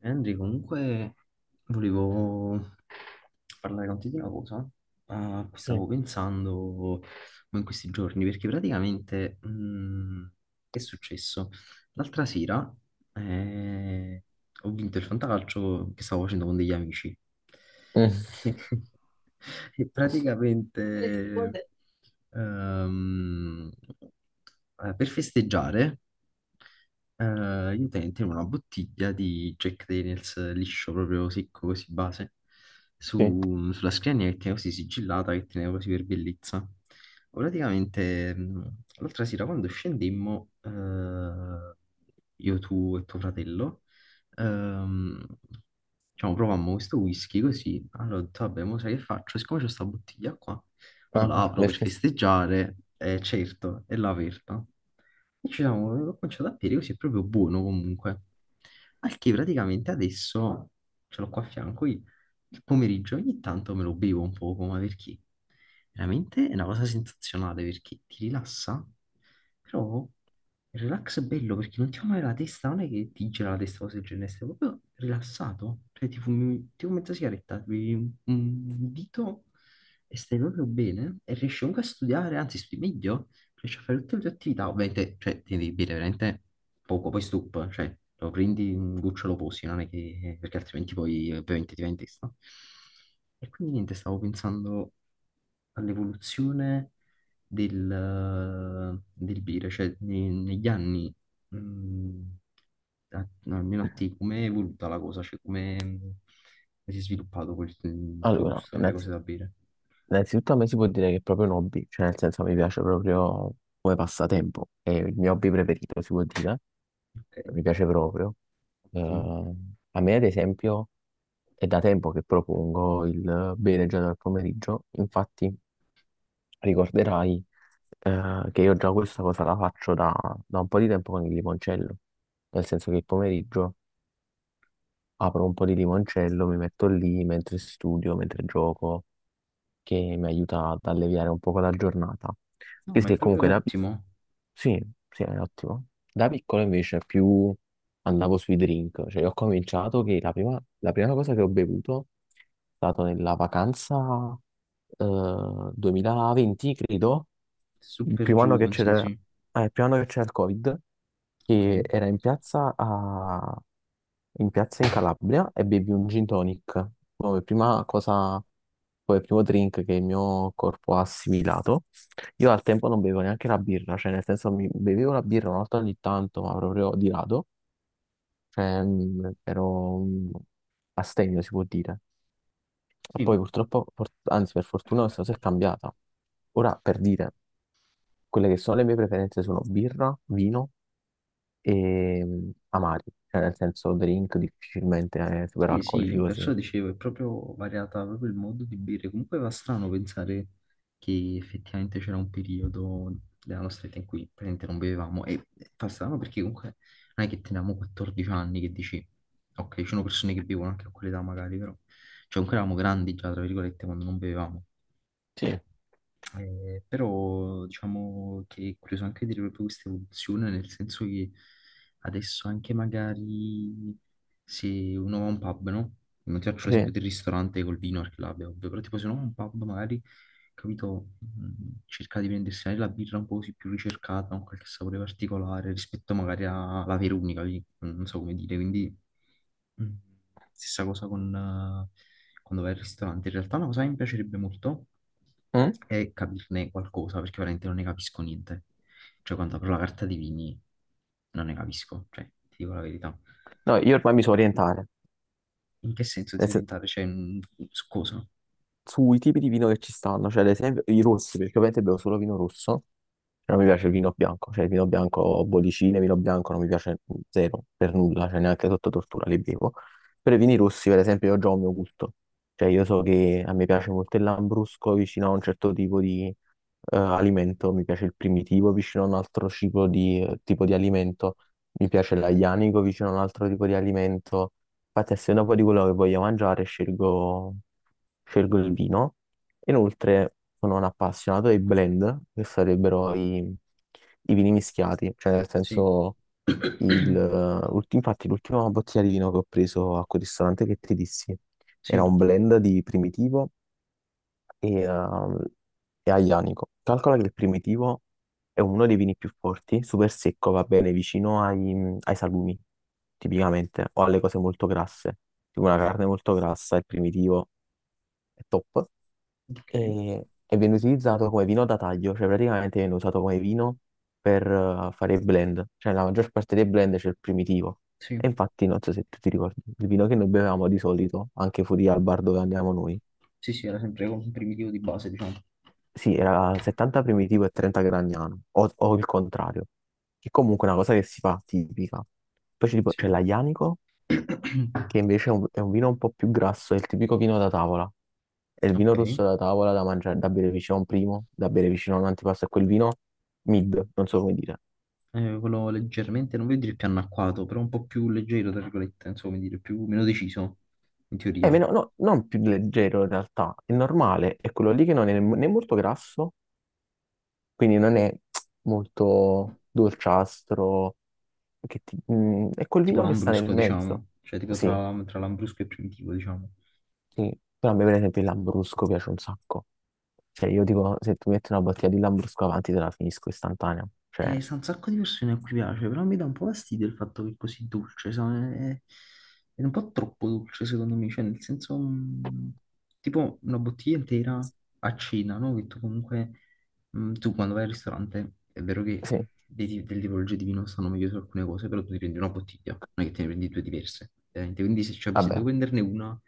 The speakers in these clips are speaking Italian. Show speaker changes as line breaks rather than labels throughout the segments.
Henry, comunque volevo parlare con te di una cosa a cui
Sì.
stavo pensando in questi giorni, perché praticamente è successo. L'altra sera eh, ho vinto il fantacalcio che stavo facendo con degli amici.
Mm,
E praticamente ehm, per festeggiare. Io tengo una bottiglia di Jack Daniels liscio, proprio secco, così base,
sì,
sulla scrivania che tenevo così sigillata, che tenevo così per bellezza. Praticamente, l'altra sera quando scendemmo, io, tu e tuo fratello, ehm, diciamo, provammo questo whisky così, allora ho detto, vabbè, mo sai che faccio? Siccome c'è questa bottiglia qua, mo
ah,
la apro per
perfetto.
festeggiare, certo, è l'ho aperta. E ci siamo, ho cominciato a bere così, è proprio buono comunque. Al che praticamente adesso ce l'ho qua a fianco, io il pomeriggio ogni tanto me lo bevo un poco, ma perché? Veramente è una cosa sensazionale perché ti rilassa, però il relax è bello perché non ti fa male la testa, non è che ti gira la testa o cose del genere, stai proprio rilassato, cioè ti fumi mezza sigaretta, ti bevi un dito e stai proprio bene e riesci comunque a studiare, anzi studi meglio, riesci a fare tutte le tue attività, ovviamente, cioè, ti devi bere veramente poco, poi cioè, lo prendi un goccio, lo posi, non è che, perché altrimenti poi ovviamente ti va in testa. E quindi niente, stavo pensando all'evoluzione del bere, cioè, negli anni, mh, no, almeno a te, come è evoluta la cosa, cioè, come si è sviluppato il tuo
Allora,
gusto nelle cose da bere?
innanzitutto a me si può dire che è proprio un hobby, cioè nel senso mi piace proprio come passatempo, è il mio hobby preferito, si può dire,
Ok.
mi piace proprio. Eh,
Ottimo.
A me ad esempio è da tempo che propongo il bere già dal pomeriggio, infatti ricorderai, che io già questa cosa la faccio da un po' di tempo con il limoncello, nel senso che il pomeriggio apro un po' di limoncello, mi metto lì mentre studio, mentre gioco, che mi aiuta ad alleviare un poco la giornata.
No,
Anche
ma è
se
proprio
comunque
ottimo.
sì, sì, è ottimo. Da piccolo invece più andavo sui drink, cioè ho cominciato che la prima cosa che ho bevuto è stato nella vacanza 2020, credo, il
Super
primo anno
giù,
che
penso di
c'era.
sì.
Ah, il piano che c'era il Covid, che
Ok.
era in piazza, a... in piazza in Calabria, e bevi un gin tonic come prima cosa, come primo drink che il mio corpo ha assimilato. Io al tempo non bevevo neanche la birra, cioè nel senso mi bevevo la birra una volta ogni tanto, ma proprio di rado, cioè ero astemio, si può dire. Ma poi
Sì,
purtroppo, anzi per fortuna, questa cosa è cambiata. Ora per dire, quelle che sono le mie preferenze sono birra, vino e amari, cioè nel senso drink difficilmente,
sì,
superalcolici
sì, perciò
così.
dicevo, è proprio variata proprio il modo di bere. Comunque va strano pensare che effettivamente c'era un periodo della nostra vita in cui praticamente non bevevamo. E fa strano perché comunque non è che teniamo 14 anni che dici, ok, ci sono persone che bevono anche a quell'età magari, però. Cioè, comunque eravamo grandi già, tra virgolette, quando non bevevamo.
Sì.
Però diciamo che è curioso anche vedere proprio questa evoluzione, nel senso che adesso anche magari se uno va a un pub, no? Non ti faccio l'esempio
Sì.
del ristorante col vino, perché l'abbia ovvio, però tipo se uno va a un pub magari, capito, cerca di prendersi magari la birra un po' così più ricercata, con qualche sapore particolare rispetto magari alla Verunica, lì, non so come dire, quindi. Mm. Stessa cosa con quando vai al ristorante. In realtà una cosa che mi piacerebbe molto
Mm?
è capirne qualcosa, perché veramente non ne capisco niente. Cioè, quando apro la carta dei vini non ne capisco, cioè, ti dico la verità.
No, io ormai mi so orientare.
In che senso
nel
ti
sen-
orientare? Cioè, su cosa?
Sui tipi di vino che ci stanno, cioè ad esempio i rossi, perché ovviamente bevo solo vino rosso. Non mi piace il vino bianco, cioè il vino bianco, bollicine, vino bianco non mi piace zero, per nulla, cioè neanche sotto tortura li bevo. Per i vini rossi, per esempio, io già ho il mio gusto. Cioè io so che a me piace molto il lambrusco vicino a un certo tipo di alimento, mi piace il primitivo vicino a un altro tipo di alimento, mi piace l'aglianico vicino a un altro tipo di alimento. Infatti, a seconda poi di quello che voglio mangiare, scelgo il vino. Inoltre sono un appassionato dei blend, che sarebbero i vini mischiati, cioè nel
Sì.
senso, infatti l'ultima bottiglia di vino che ho preso a quel ristorante che ti dissi
Sì,
era un blend di Primitivo e, ehm, e Aglianico. Calcola che il Primitivo è uno dei vini più forti, super secco, va bene vicino ai salumi, tipicamente, o alle cose molto grasse, tipo una carne molto grassa, il Primitivo è top,
ok.
e viene utilizzato come vino da taglio, cioè praticamente viene usato come vino per fare il blend, cioè la maggior parte dei blend c'è il primitivo.
Sì,
E infatti non so se tu ti ricordi, il vino che noi bevevamo di solito, anche fuori al bar dove andiamo noi,
sì, sì, era sempre un primitivo di base, diciamo.
sì, era 70 primitivo e 30 gragnano, o il contrario, che comunque è una cosa che si fa tipica. Poi c'è c'è
Sì.
l'aglianico, che invece è è un vino un po' più grasso, è il tipico vino da tavola. È il
Ok.
vino rosso da tavola da mangiare, da bere vicino a un primo, da bere vicino a un antipasto, è quel vino mid, non so come dire.
Quello leggermente, non voglio dire più anacquato, però un po' più leggero, tra virgolette, insomma, come dire, più, meno deciso, in
È
teoria.
meno, no, non più leggero in realtà, è normale, è quello lì che non è né né molto grasso, quindi non è molto dolciastro, che ti- mm, è quel
Tipo
vino che sta nel
Lambrusco,
mezzo.
diciamo. Cioè, tipo
Sì.
tra Lambrusco e Primitivo, diciamo.
Sì, però a me per esempio il Lambrusco piace un sacco. Cioè io dico, se tu metti una bottiglia di Lambrusco avanti te la finisco istantanea. Cioè,
Sta un sacco di persone a cui piace, però mi dà un po' fastidio il fatto che è così dolce, sa, è un po' troppo dolce secondo me, cioè nel senso, tipo una bottiglia intera a cena, no? Che tu comunque, tu quando vai al ristorante, è vero che
sì,
delle tipologie di vino stanno meglio su alcune cose, però tu ti prendi una bottiglia, non è che te ne prendi due diverse, ovviamente. Quindi se, capisci se devo
vabbè,
prenderne una,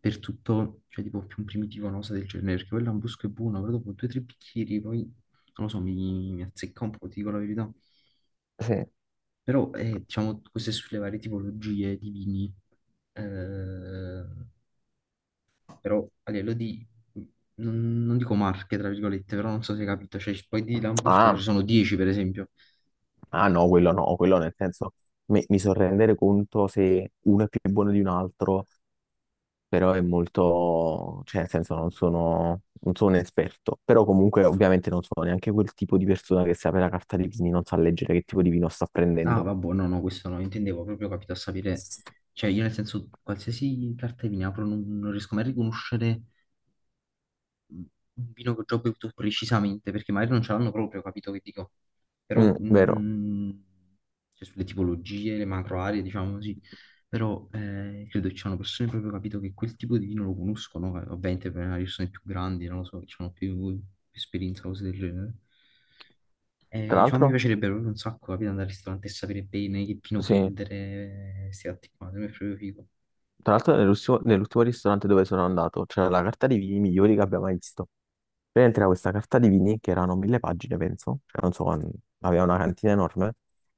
per tutto, cioè tipo più un primitivo, una cosa del genere, perché poi il lambrusco è buono, però dopo due o tre bicchieri poi, non lo so, mi azzecca un po', ti dico la verità.
sì.
Però, diciamo, queste sulle varie tipologie di vini, eh, però a livello di, non dico marche, tra virgolette, però non so se hai capito, cioè poi di lambrusco ci
Ah,
sono 10 per esempio.
ah no, quello no, quello nel senso, mi so rendere conto se uno è più buono di un altro, però è molto, cioè nel senso non sono un esperto. Però comunque ovviamente non sono neanche quel tipo di persona che se apre la carta di vini non sa leggere che tipo di vino sta
Ah,
prendendo.
vabbè, no, no, questo no, intendevo proprio capito a sapere, cioè io nel senso, qualsiasi carta di vino apro non riesco mai a riconoscere un vino che ho già bevuto precisamente, perché magari non ce l'hanno proprio, capito che dico? Però
Mm, vero.
cioè, sulle tipologie, le macro aree, diciamo così. Però credo che ci sono persone proprio capito che quel tipo di vino lo conoscono, ovviamente per le persone più grandi, non lo so, che hanno più esperienza, cose del genere. Eh,
Tra
diciamo, mi
l'altro,
piacerebbe proprio un sacco capito, andare al ristorante e sapere bene che vino
sì.
prendere, sti atti qua, per me è proprio figo.
Tra l'altro nell'ultimo ristorante dove sono andato c'era la carta dei vini migliori che abbia mai visto. Praticamente era questa carta di vini che erano mille pagine, penso, cioè non so, aveva una cantina enorme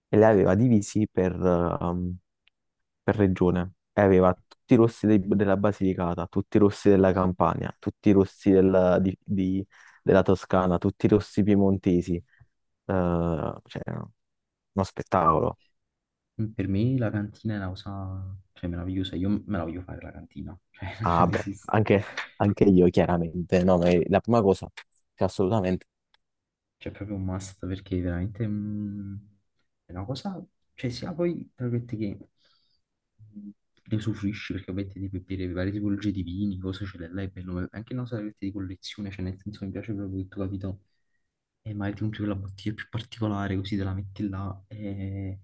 e le aveva divisi per regione. E aveva tutti i rossi della Basilicata, tutti i rossi della Campania, tutti i rossi della Toscana, tutti i rossi piemontesi. Cioè, Uno spettacolo.
Per me la cantina è una cosa, cioè, meravigliosa. Io me la voglio fare la cantina, cioè,
Ah,
non
beh,
esiste.
anche io chiaramente, no, ma è la prima cosa, cioè, assolutamente,
Cioè, è proprio un must perché veramente è una cosa, cioè, sia poi, tra virgolette, che mm, ne usufruisci perché ovviamente devi bere varie tipologie di vini, cose ce le l'hai, è bello, ma è anche una cosa, tra virgolette, di collezione, cioè, nel senso, mi piace proprio che tu, capito, e magari ti compri quella bottiglia più particolare, così te la metti là, e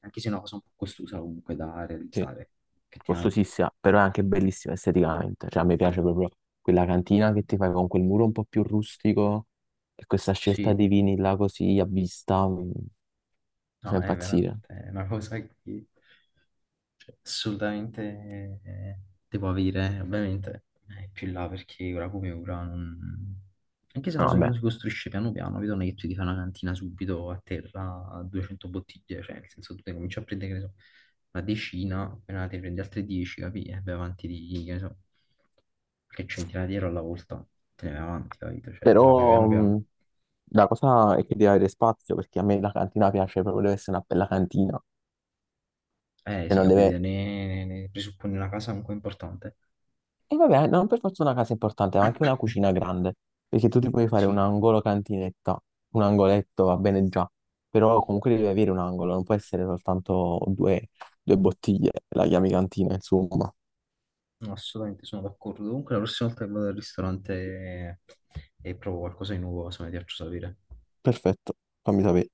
anche se è una cosa un po' costosa comunque da
sì,
realizzare, effettivamente.
costosissima, però è anche bellissima esteticamente, cioè a me piace proprio quella cantina che ti fai con quel muro un po' più rustico e questa scelta
Sì,
di vini là così a vista mi fa
no, è
impazzire.
veramente è una cosa che cioè, assolutamente devo avere, ovviamente è più in là perché ora come ora non. Anche se è
No,
una cosa che non
vabbè,
si costruisce piano piano, capito? Non è che tu ti fai una cantina subito a terra a 200 bottiglie, cioè nel senso tu te ne cominci a prendere, che ne so, una decina, appena te ne prendi altre 10, capi? E vai avanti di, che ne so, qualche centinaia di euro alla volta, te ne vai avanti, capito? Cioè te la fai piano
però
piano.
la cosa è che deve avere spazio perché a me la cantina piace proprio, deve essere una bella cantina,
Eh
e
sì,
non
vabbè,
deve
ne presuppone una casa un po' importante.
e vabbè, non per forza una casa importante, ma anche una cucina grande, perché tu ti puoi fare un
Sì,
angolo cantinetta, un angoletto va bene già, però comunque devi avere un angolo, non può essere soltanto due bottiglie, la chiami cantina, insomma.
no, assolutamente sono d'accordo. Comunque la prossima volta che vado al ristorante e provo qualcosa di nuovo, se mi piaccio sapere.
Perfetto, fammi sapere.